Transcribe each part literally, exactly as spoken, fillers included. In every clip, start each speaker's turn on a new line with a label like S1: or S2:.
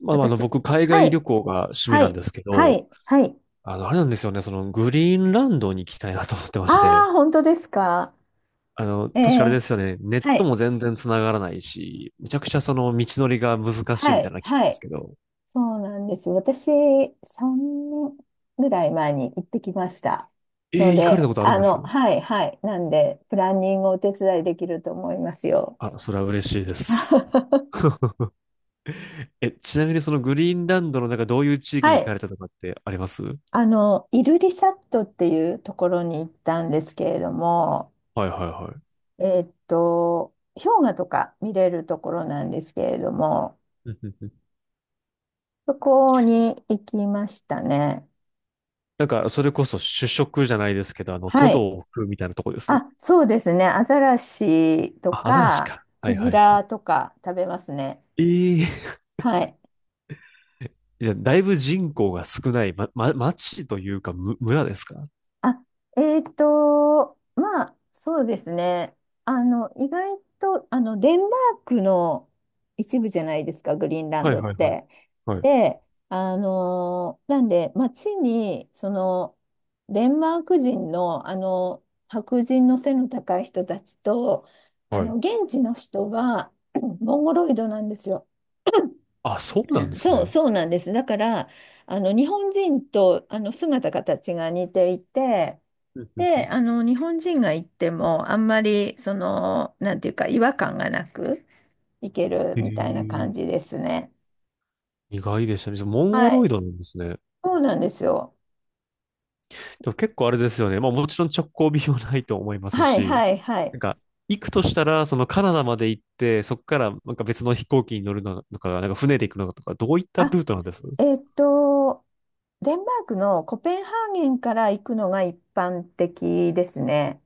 S1: まあ、あの、
S2: 私。
S1: 僕、海
S2: は
S1: 外
S2: い。
S1: 旅行が趣味
S2: は
S1: なん
S2: い。
S1: ですけ
S2: は
S1: ど、
S2: い。はい。
S1: あの、あれなんですよね。その、グリーンランドに行きたいなと思ってまして、
S2: ああ、本当ですか。
S1: あの、
S2: え
S1: 確かあれ
S2: え、
S1: ですよね。ネッ
S2: は
S1: ト
S2: い。
S1: も全然繋がらないし、めちゃくちゃその、道のりが難しい
S2: は
S1: みたい
S2: い。
S1: なの聞く
S2: は
S1: んです
S2: い。
S1: けど、
S2: そうなんです。私、さんねんぐらい前に行ってきました。
S1: え
S2: の
S1: ー行かれ
S2: で、
S1: たことあるん
S2: あ
S1: です？
S2: の、はい。はい。なんで、プランニングをお手伝いできると思いますよ。
S1: あ、それは嬉しいで す。え、ちなみにそのグリーンランドの中どういう地域
S2: は
S1: に行か
S2: い。
S1: れたとかってあります？は
S2: あの、イルリサットっていうところに行ったんですけれども、
S1: い、はい、はい。
S2: えーっと、氷河とか見れるところなんですけれども、
S1: うんうんうん。
S2: そこに行きましたね。
S1: なんか、それこそ主食じゃないですけど、あの、ト
S2: は
S1: ド
S2: い。
S1: を食うみたいなとこです。
S2: あ、そうですね。アザラシと
S1: あ、アザラシ
S2: か、
S1: か。は
S2: ク
S1: いは
S2: ジ
S1: いはい。
S2: ラとか食べますね。
S1: ええ。
S2: はい。
S1: じゃあ、だいぶ人口が少ない、ま、ま、町というか、む、村ですか？
S2: あ、えっと、まあ、そうですね。あの、意外と、あの、デンマークの一部じゃないですか、グリーンラン
S1: はい
S2: ドっ
S1: はいはい。
S2: て。
S1: はい。
S2: で、あのなんで、街に、その、デンマーク人の、あの、白人の背の高い人たちと、あ
S1: は
S2: の、
S1: い。
S2: 現地の人は、モンゴロイドなんですよ。
S1: あ、そう
S2: う
S1: なんで
S2: ん、
S1: す
S2: そう、
S1: ね。
S2: そうなんです。だから、あの、日本人と、あの、姿形が似ていて、
S1: うんうんう
S2: で、あ
S1: ん。
S2: の、日本人が行っても、あんまり、その、なんていうか、違和感がなく行ける
S1: へ
S2: みたいな
S1: え、
S2: 感じですね。
S1: 意外でしたね。じゃあ、モンゴ
S2: は
S1: ロイ
S2: い。
S1: ドなんですね。
S2: そうなんですよ。
S1: でも結構あれですよね。まあ、もちろん直行便はないと思います
S2: はい、
S1: し、
S2: はい、は
S1: な
S2: い。
S1: んか、行くとしたら、そのカナダまで行って、そこからなんか別の飛行機に乗るのか、なんか船で行くのかとか、どういったル
S2: あ、
S1: ートなんです？
S2: えーっと、デンマークのコペンハーゲンから行くのが一般的ですね。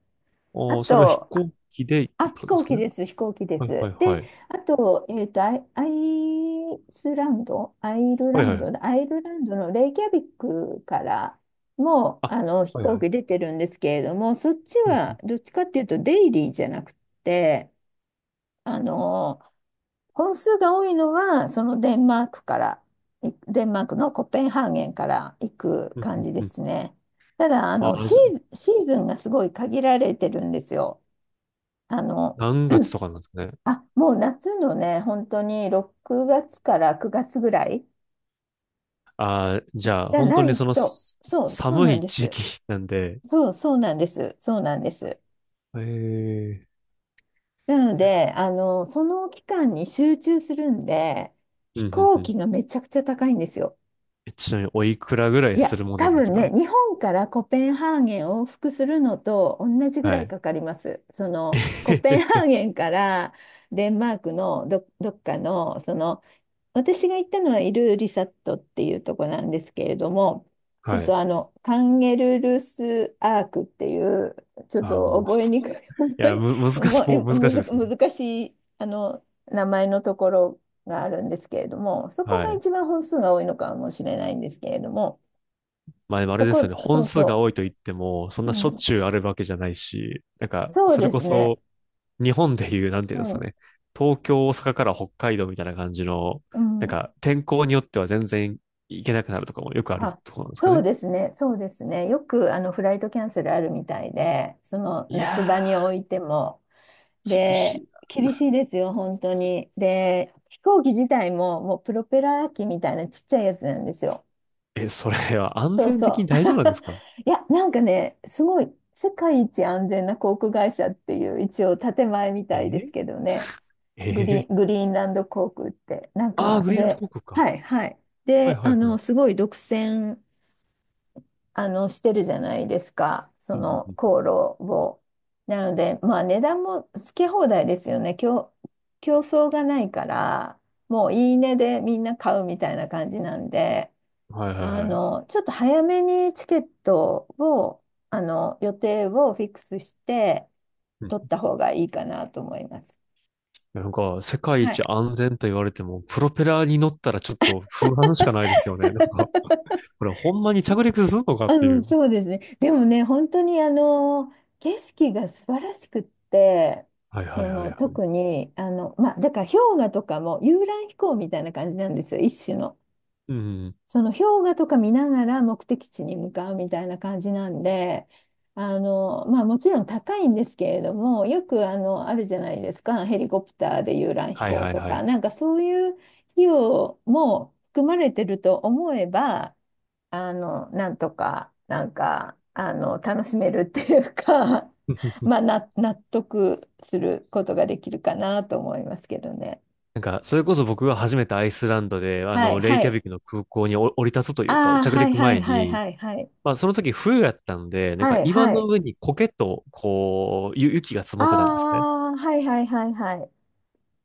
S2: あ
S1: ああ、それは飛
S2: と、
S1: 行機で行く
S2: あ、
S1: って
S2: 飛
S1: ことで
S2: 行
S1: す
S2: 機
S1: かね。
S2: です、飛行機で
S1: はいはい
S2: す。で、
S1: はい。
S2: あと、えっと、アイ、アイスランド、アイル
S1: は
S2: ラ
S1: いは
S2: ンドだ、
S1: い。
S2: アイルランドのレイキャビックからも、あ
S1: あ、
S2: の、飛
S1: はいは
S2: 行
S1: い。
S2: 機出てるんですけれども、そっち
S1: う
S2: は
S1: ん
S2: どっちかっていうと、デイリーじゃなくて、あの、本数が多いのは、そのデンマークから、いデンマークのコペンハーゲンから行く
S1: うんう
S2: 感
S1: ん
S2: じで
S1: うん。
S2: すね。ただ、あの、
S1: ああ、
S2: シ
S1: じゃあ、
S2: ーズン、シーズンがすごい限られてるんですよ。あの、
S1: 何月とかなんですかね。
S2: あ、もう夏のね、本当にろくがつからくがつぐらい
S1: ああ、じゃあ、
S2: じゃ
S1: 本
S2: な
S1: 当に
S2: い
S1: その
S2: と、
S1: すす
S2: そう、そう
S1: 寒
S2: なん
S1: い
S2: で
S1: 地
S2: す。
S1: 域なんで、
S2: そう、そうなんです。そうなんです。
S1: ええ。
S2: なので、あの、その期間に集中するんで、
S1: うん
S2: 飛
S1: うん
S2: 行
S1: う
S2: 機
S1: ん。
S2: がめちゃくちゃ高いんですよ。
S1: えちなみに、おいくらぐらい
S2: い
S1: す
S2: や、
S1: るもんな
S2: 多
S1: んです
S2: 分ね、
S1: か？
S2: 日本からコペンハーゲン往復するのと同じぐ
S1: は
S2: らい
S1: い。
S2: かかります。その、コペンハー ゲンからデンマークのど、どっかの、その、私が行ったのはイルーリサットっていうとこなんですけれども、ちょ
S1: は
S2: っ
S1: い。
S2: とあのカンゲルルスアークっていう、ちょっ
S1: ああ、
S2: と
S1: もう。
S2: 覚えにくい、
S1: い
S2: 覚
S1: や、
S2: え、
S1: む、難
S2: も
S1: し
S2: う
S1: い、
S2: え
S1: もう難
S2: む
S1: しいで
S2: ず、
S1: すね。
S2: 難しいあの名前のところがあるんですけれども、そこ
S1: は
S2: が
S1: い。
S2: 一番本数が多いのかもしれないんですけれども、
S1: まあ、でもあれ
S2: そ
S1: ですよ
S2: こ、
S1: ね。
S2: そ
S1: 本
S2: う
S1: 数が
S2: そ
S1: 多いと言っても、そん
S2: う、う
S1: なしょっ
S2: ん、
S1: ちゅうあるわけじゃないし、なんか、
S2: そう
S1: それ
S2: で
S1: こ
S2: すね、
S1: そ、日本でいう、なんてい
S2: う
S1: うんですか
S2: ん、
S1: ね、東京、大阪から北海道みたいな感じの、
S2: う
S1: なん
S2: ん、
S1: か天候によっては全然行けなくなるとかもよくある
S2: あ、
S1: ところなんですか
S2: そう
S1: ね。
S2: ですね、そうですね。よくあのフライトキャンセルあるみたいで、その
S1: い
S2: 那須場に
S1: や
S2: おいても、
S1: ー、厳し
S2: で、
S1: い。
S2: 厳しいですよ、本当に。で、飛行機自体も、もうプロペラ機みたいなちっちゃいやつなんですよ。
S1: え、それは安
S2: そう
S1: 全的に
S2: そう。
S1: 大丈夫なんですか？
S2: いや、なんかね、すごい、世界一安全な航空会社っていう、一応建前みたいです
S1: え
S2: けどね。グ
S1: ええ
S2: リ、グリーンランド航空って。なん
S1: あ、 あー、
S2: か、
S1: グリーンランド
S2: で、
S1: 航空か。
S2: はい、はい。
S1: はい
S2: で、
S1: は
S2: あ
S1: いはい。
S2: の、すごい独占あの、してるじゃないですか。そ
S1: うんうんう
S2: の、
S1: んう
S2: 航路を。なので、まあ、値段もつけ放題ですよね。競、競争がないから、もういいねでみんな買うみたいな感じなんで、
S1: ん。はいはい
S2: あ
S1: はい。
S2: の、ちょっと早めにチケットを、あの、予定をフィックスして、
S1: うん。
S2: 取った方がいいかなと思います。
S1: いや、なんか、世界
S2: はい。
S1: 一安全と言われても、プロペラに乗ったらちょっと不安しかないですよね。なんか、これほんまに着陸するのかって
S2: う
S1: い
S2: ん、
S1: う。
S2: そうですね。でもね、本当にあの景色が素晴らしくって、
S1: はいは
S2: そ
S1: いはい
S2: の
S1: はい。
S2: 特にあの、まあ、だから氷河とかも遊覧飛行みたいな感じなんですよ、一種の。
S1: うん。
S2: その氷河とか見ながら目的地に向かうみたいな感じなんで、あのまあ、もちろん高いんですけれども、よくあのあるじゃないですか、ヘリコプターで遊覧飛
S1: はい
S2: 行
S1: はい
S2: と
S1: は
S2: か、
S1: い。
S2: なんかそういう費用も含まれてると思えば、あの、なんとか、なんか、あの、楽しめるっていうか、まあ、な、納得することができるかなと思いますけどね。
S1: なんか、それこそ僕が初めてアイスランドで、あ
S2: は
S1: の、
S2: い、
S1: レイ
S2: は
S1: キャ
S2: い。
S1: ビクの空港にお降り立つというか、
S2: ああ、
S1: 着
S2: はい、
S1: 陸
S2: はい、
S1: 前
S2: はい、
S1: に、
S2: はい、はい。
S1: まあ、その時冬やったんで、なんか
S2: はい、
S1: 岩
S2: は
S1: の
S2: い。
S1: 上に苔と、こう、ゆ雪が積
S2: あ
S1: もってたんですね。
S2: あ、はい、はい、はい、はい。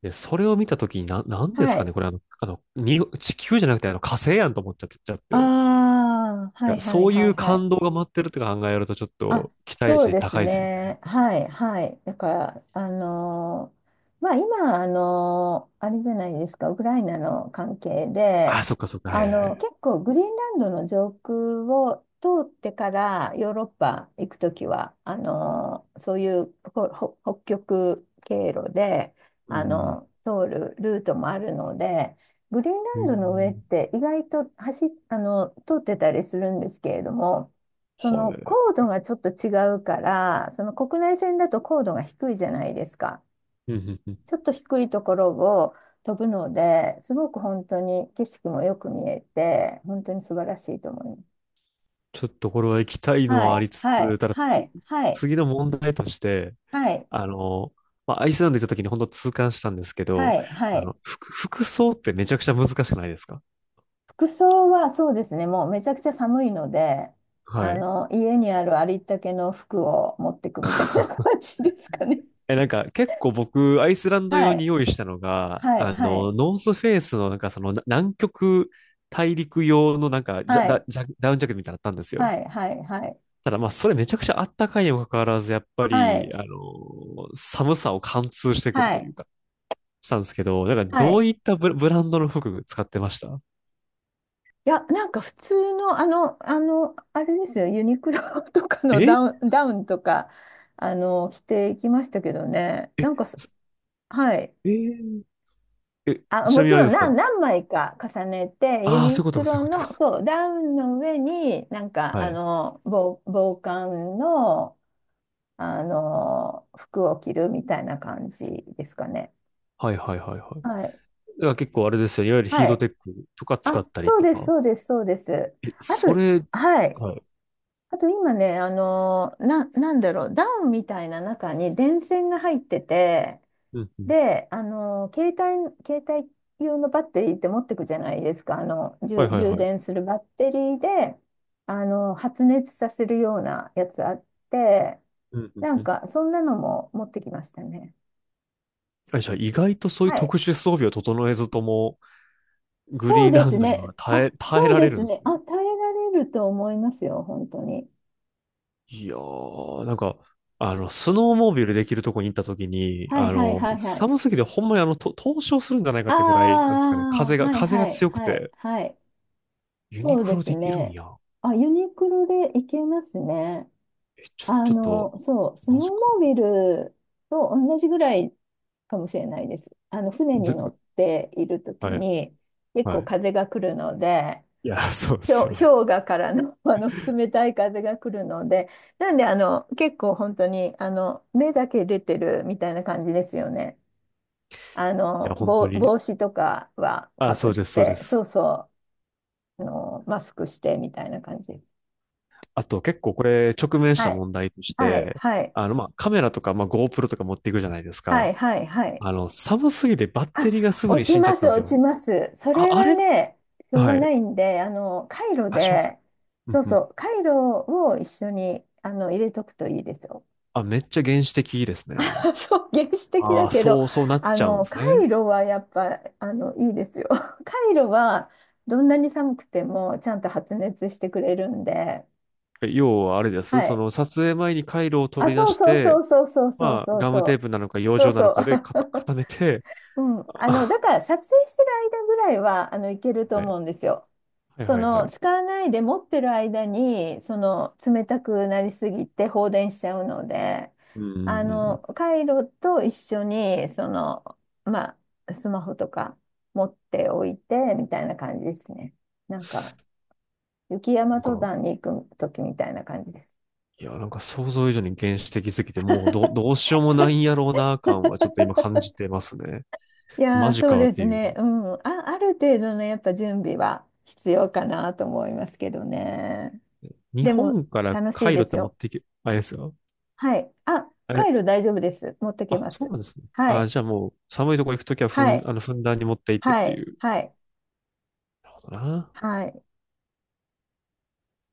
S1: で、それを見た時に、な、なんです
S2: は
S1: かね、
S2: い。
S1: これあの、あの、に、地球じゃなくて、あの、火星やんと思っちゃって、ちゃって。
S2: ああ、はい、
S1: が
S2: は
S1: そ
S2: い、
S1: うい
S2: はい、
S1: う
S2: はい。
S1: 感動が待ってるって考えると、ちょっ
S2: あ、
S1: と期待
S2: そう
S1: 値
S2: です
S1: 高いですよ
S2: ね。
S1: ね。
S2: はい、はい。だから、あのーまあ、今、あのーあれじゃないですか、ウクライナの関係
S1: あ、
S2: で、
S1: そっかそっか、はい
S2: あ
S1: はいは
S2: の、
S1: い。
S2: 結構、グリーンランドの上空を通ってからヨーロッパ行くときは、あのーそういうほほ北極経路で、
S1: う
S2: あ
S1: んうん
S2: の、通るルートもあるので、グリーンラ
S1: うん。
S2: ン
S1: へ
S2: ドの上っ
S1: ー。
S2: て意外と走っ、あの、通ってたりするんですけれども、そ
S1: は
S2: の高
S1: い。
S2: 度がちょっと違うから、その国内線だと高度が低いじゃないですか。
S1: うんうんうん。
S2: ちょっと低いところを飛ぶので、すごく本当に景色もよく見えて、本当に素晴らしいと思います。
S1: ちょっとこれは行きたいの
S2: は
S1: はあ
S2: い、
S1: りつ
S2: はい、
S1: つ、ただ
S2: は
S1: つ、
S2: い、はい、
S1: 次の問題として、
S2: はい、
S1: あの、まあ、アイスランド行った時に本当痛感したんですけ
S2: は
S1: ど、
S2: い、は
S1: あ
S2: い。
S1: の、服、服装ってめちゃくちゃ難しくないですか？
S2: 服装はそうですね、もうめちゃくちゃ寒いので、
S1: は
S2: あ
S1: い。
S2: の、家にあるありったけの服を持ってくみたいな 感じですかね。
S1: え、なんか結構僕、アイスランド用
S2: は
S1: に
S2: い、
S1: 用意したのが、
S2: はい、
S1: あ
S2: は
S1: の、
S2: い、
S1: ノースフェイスのなんかそのな南極大陸用のなんかジャ、
S2: は
S1: ダ、
S2: い、
S1: ジャ、ダウンジャケットみたいなのあったんですよ。
S2: はい、はい、は
S1: ただ、まあ、それめちゃくちゃあったかいにもかかわらず、やっぱり、
S2: い、
S1: あの、寒さを貫通してくる
S2: は
S1: とい
S2: い。
S1: うかしたんですけど、なんか
S2: は
S1: どう
S2: い。
S1: いったブラブランドの服使ってました？
S2: いや、なんか普通の、あの、あの、あれですよ、ユニクロ とかの
S1: え
S2: ダウン、ダウンとか、あの、着ていきましたけどね。なんかす、
S1: す
S2: はい。
S1: えーえ、
S2: あ、
S1: ちな
S2: も
S1: みに
S2: ち
S1: あれ
S2: ろ
S1: で
S2: ん
S1: すか？
S2: 何、何枚か重ねて、ユ
S1: ああー、
S2: ニ
S1: そういうこと
S2: ク
S1: か、そうい
S2: ロ
S1: うこと
S2: の、
S1: か。
S2: そう、ダウンの上に、なんか、
S1: は
S2: あ
S1: い。
S2: の、防、防寒の、あの、服を着るみたいな感じですかね。
S1: はいはいはいはい。
S2: はい。
S1: だから結構あれですよね。いわゆるヒー
S2: は
S1: ト
S2: い。
S1: テックとか使
S2: あ、
S1: ったり
S2: そう
S1: と
S2: です、
S1: か。
S2: そうです、そうです。
S1: え、
S2: あ
S1: そ
S2: と、
S1: れ、
S2: はい。
S1: はい。
S2: あと今ね、あの、な、なんだろう、ダウンみたいな中に電線が入ってて、
S1: うんうん。
S2: で、あの、携帯、携帯用のバッテリーって持ってくじゃないですか、あの、
S1: は
S2: 充、
S1: いはい
S2: 充
S1: は
S2: 電
S1: い。
S2: するバッテリーで、あの、発熱させるようなやつあって、
S1: うんうん
S2: な
S1: う
S2: ん
S1: ん。
S2: か、そんなのも持ってきましたね。
S1: あ、じゃあ、意外とそういう
S2: はい。
S1: 特殊装備を整えずとも、グ
S2: そ
S1: リ
S2: う
S1: ーン
S2: で
S1: ラ
S2: す
S1: ンドに
S2: ね。
S1: は耐
S2: あ、
S1: え、耐え
S2: そう
S1: ら
S2: で
S1: れる
S2: す
S1: んです
S2: ね。
S1: ね。
S2: あ、耐えられると思いますよ、本当に。
S1: いやー、なんか、あの、スノーモービルできるとこに行った時に、
S2: はい、
S1: あ
S2: はい、
S1: の、
S2: はい、はい。
S1: 寒すぎてほんまにあの、と凍傷するんじゃないか
S2: あ
S1: ってぐらい、なんですかね、
S2: あ、
S1: 風が、
S2: はい、
S1: 風
S2: は
S1: が
S2: い、
S1: 強く
S2: はい、
S1: て、
S2: はい。
S1: ユニ
S2: そう
S1: ク
S2: で
S1: ロ
S2: す
S1: できるん
S2: ね。
S1: や。
S2: あ、ユニクロで行けますね。
S1: え、ちょ、
S2: あ
S1: ちょっと、
S2: の、そう、スノー
S1: マジ
S2: モ
S1: か。
S2: ービルと同じぐらいかもしれないです。あの、船に
S1: で、
S2: 乗っているとき
S1: はい、
S2: に、結
S1: は
S2: 構
S1: い。
S2: 風が来るので、
S1: いや、そうです
S2: 氷、
S1: よね。
S2: 氷河からの、あの冷たい風が来るので、なんで、あの、結構本当に、あの、目だけ出てるみたいな感じですよね。あ
S1: い
S2: の、
S1: や、本当
S2: 帽、
S1: に。
S2: 帽子とかは
S1: あ、
S2: かぶ
S1: そ
S2: っ
S1: うです、そうで
S2: て、そ
S1: す。
S2: うそう、あの、マスクしてみたいな感じです。
S1: あと、結構これ、直面し
S2: は
S1: た
S2: い、
S1: 問題とし
S2: はい、
S1: て、
S2: はい、
S1: あの、まあ、カメラとか、まあ、GoPro とか持っていくじゃないです
S2: は
S1: か。
S2: い、はい、はい。
S1: あの、寒すぎてバッテリーが
S2: あ、
S1: すぐ
S2: 落
S1: に
S2: ち
S1: 死んじゃ
S2: ま
S1: った
S2: す、
S1: んです
S2: 落
S1: よ。
S2: ちます。そ
S1: あ、
S2: れ
S1: あ
S2: は
S1: れ、
S2: ね、しょうが
S1: は
S2: な
S1: い。
S2: いんで、あの、カイロ
S1: あ、しょうがない。
S2: で、そう
S1: うん。
S2: そう、カイロを一緒に、あの、入れとくといいですよ。
S1: あ、めっちゃ原始的ですね。
S2: そう、原始的
S1: あ
S2: だ
S1: あ、
S2: けど、
S1: そう、そうなっ
S2: あ
S1: ちゃうんで
S2: の、
S1: す
S2: カ
S1: ね。
S2: イロはやっぱ、あの、いいですよ。カイロは、どんなに寒くても、ちゃんと発熱してくれるんで、
S1: 要はあれで
S2: は
S1: す。そ
S2: い。
S1: の撮影前に回路を
S2: あ、
S1: 取り出
S2: そう
S1: し
S2: そうそ
S1: て、
S2: うそうそうそう
S1: まあ、
S2: そう
S1: ガム
S2: そう。
S1: テ ープなのか、養
S2: そう
S1: 生な
S2: そ
S1: のかで固、
S2: う。
S1: 固 めて、
S2: うん、あの、だ
S1: あ、
S2: か ら撮影してる間ぐらいは、あの、いけると
S1: はい、
S2: 思うんですよ。
S1: はい
S2: そ
S1: はいは
S2: の、
S1: い。
S2: 使わないで持ってる間に、その、冷たくなりすぎて放電しちゃうので、
S1: うんうんう
S2: あ
S1: んうん。
S2: の、カイロと一緒に、その、まあ、スマホとか持っておいて、みたいな感じですね。なんか、雪山
S1: なん
S2: 登
S1: か、
S2: 山に行く時みたいな感じです。
S1: いや、なんか想像以上に原始的すぎて、もうど、どうしようもないんやろうな感はちょっと今感じてますね。
S2: いや
S1: マ
S2: ー、
S1: ジ
S2: そう
S1: か
S2: で
S1: って
S2: す
S1: いう。
S2: ね。うん。あ、ある程度のやっぱ準備は必要かなと思いますけどね。
S1: 日
S2: でも
S1: 本から
S2: 楽しい
S1: 回路
S2: で
S1: っ
S2: す
S1: て持っ
S2: よ。
S1: ていけ、あれですか？
S2: はい。あ、
S1: あ
S2: カ
S1: れ、
S2: イロ大丈夫です。持ってけ
S1: あ、
S2: ま
S1: そう
S2: す。
S1: なんですね。
S2: は
S1: あ、
S2: い。
S1: じゃあもう寒いとこ行くときはふ
S2: は
S1: ん、
S2: い。
S1: あの、ふんだんに持って行ってっ
S2: は
S1: て
S2: い。
S1: いう。
S2: はい。
S1: なるほどな。
S2: はい。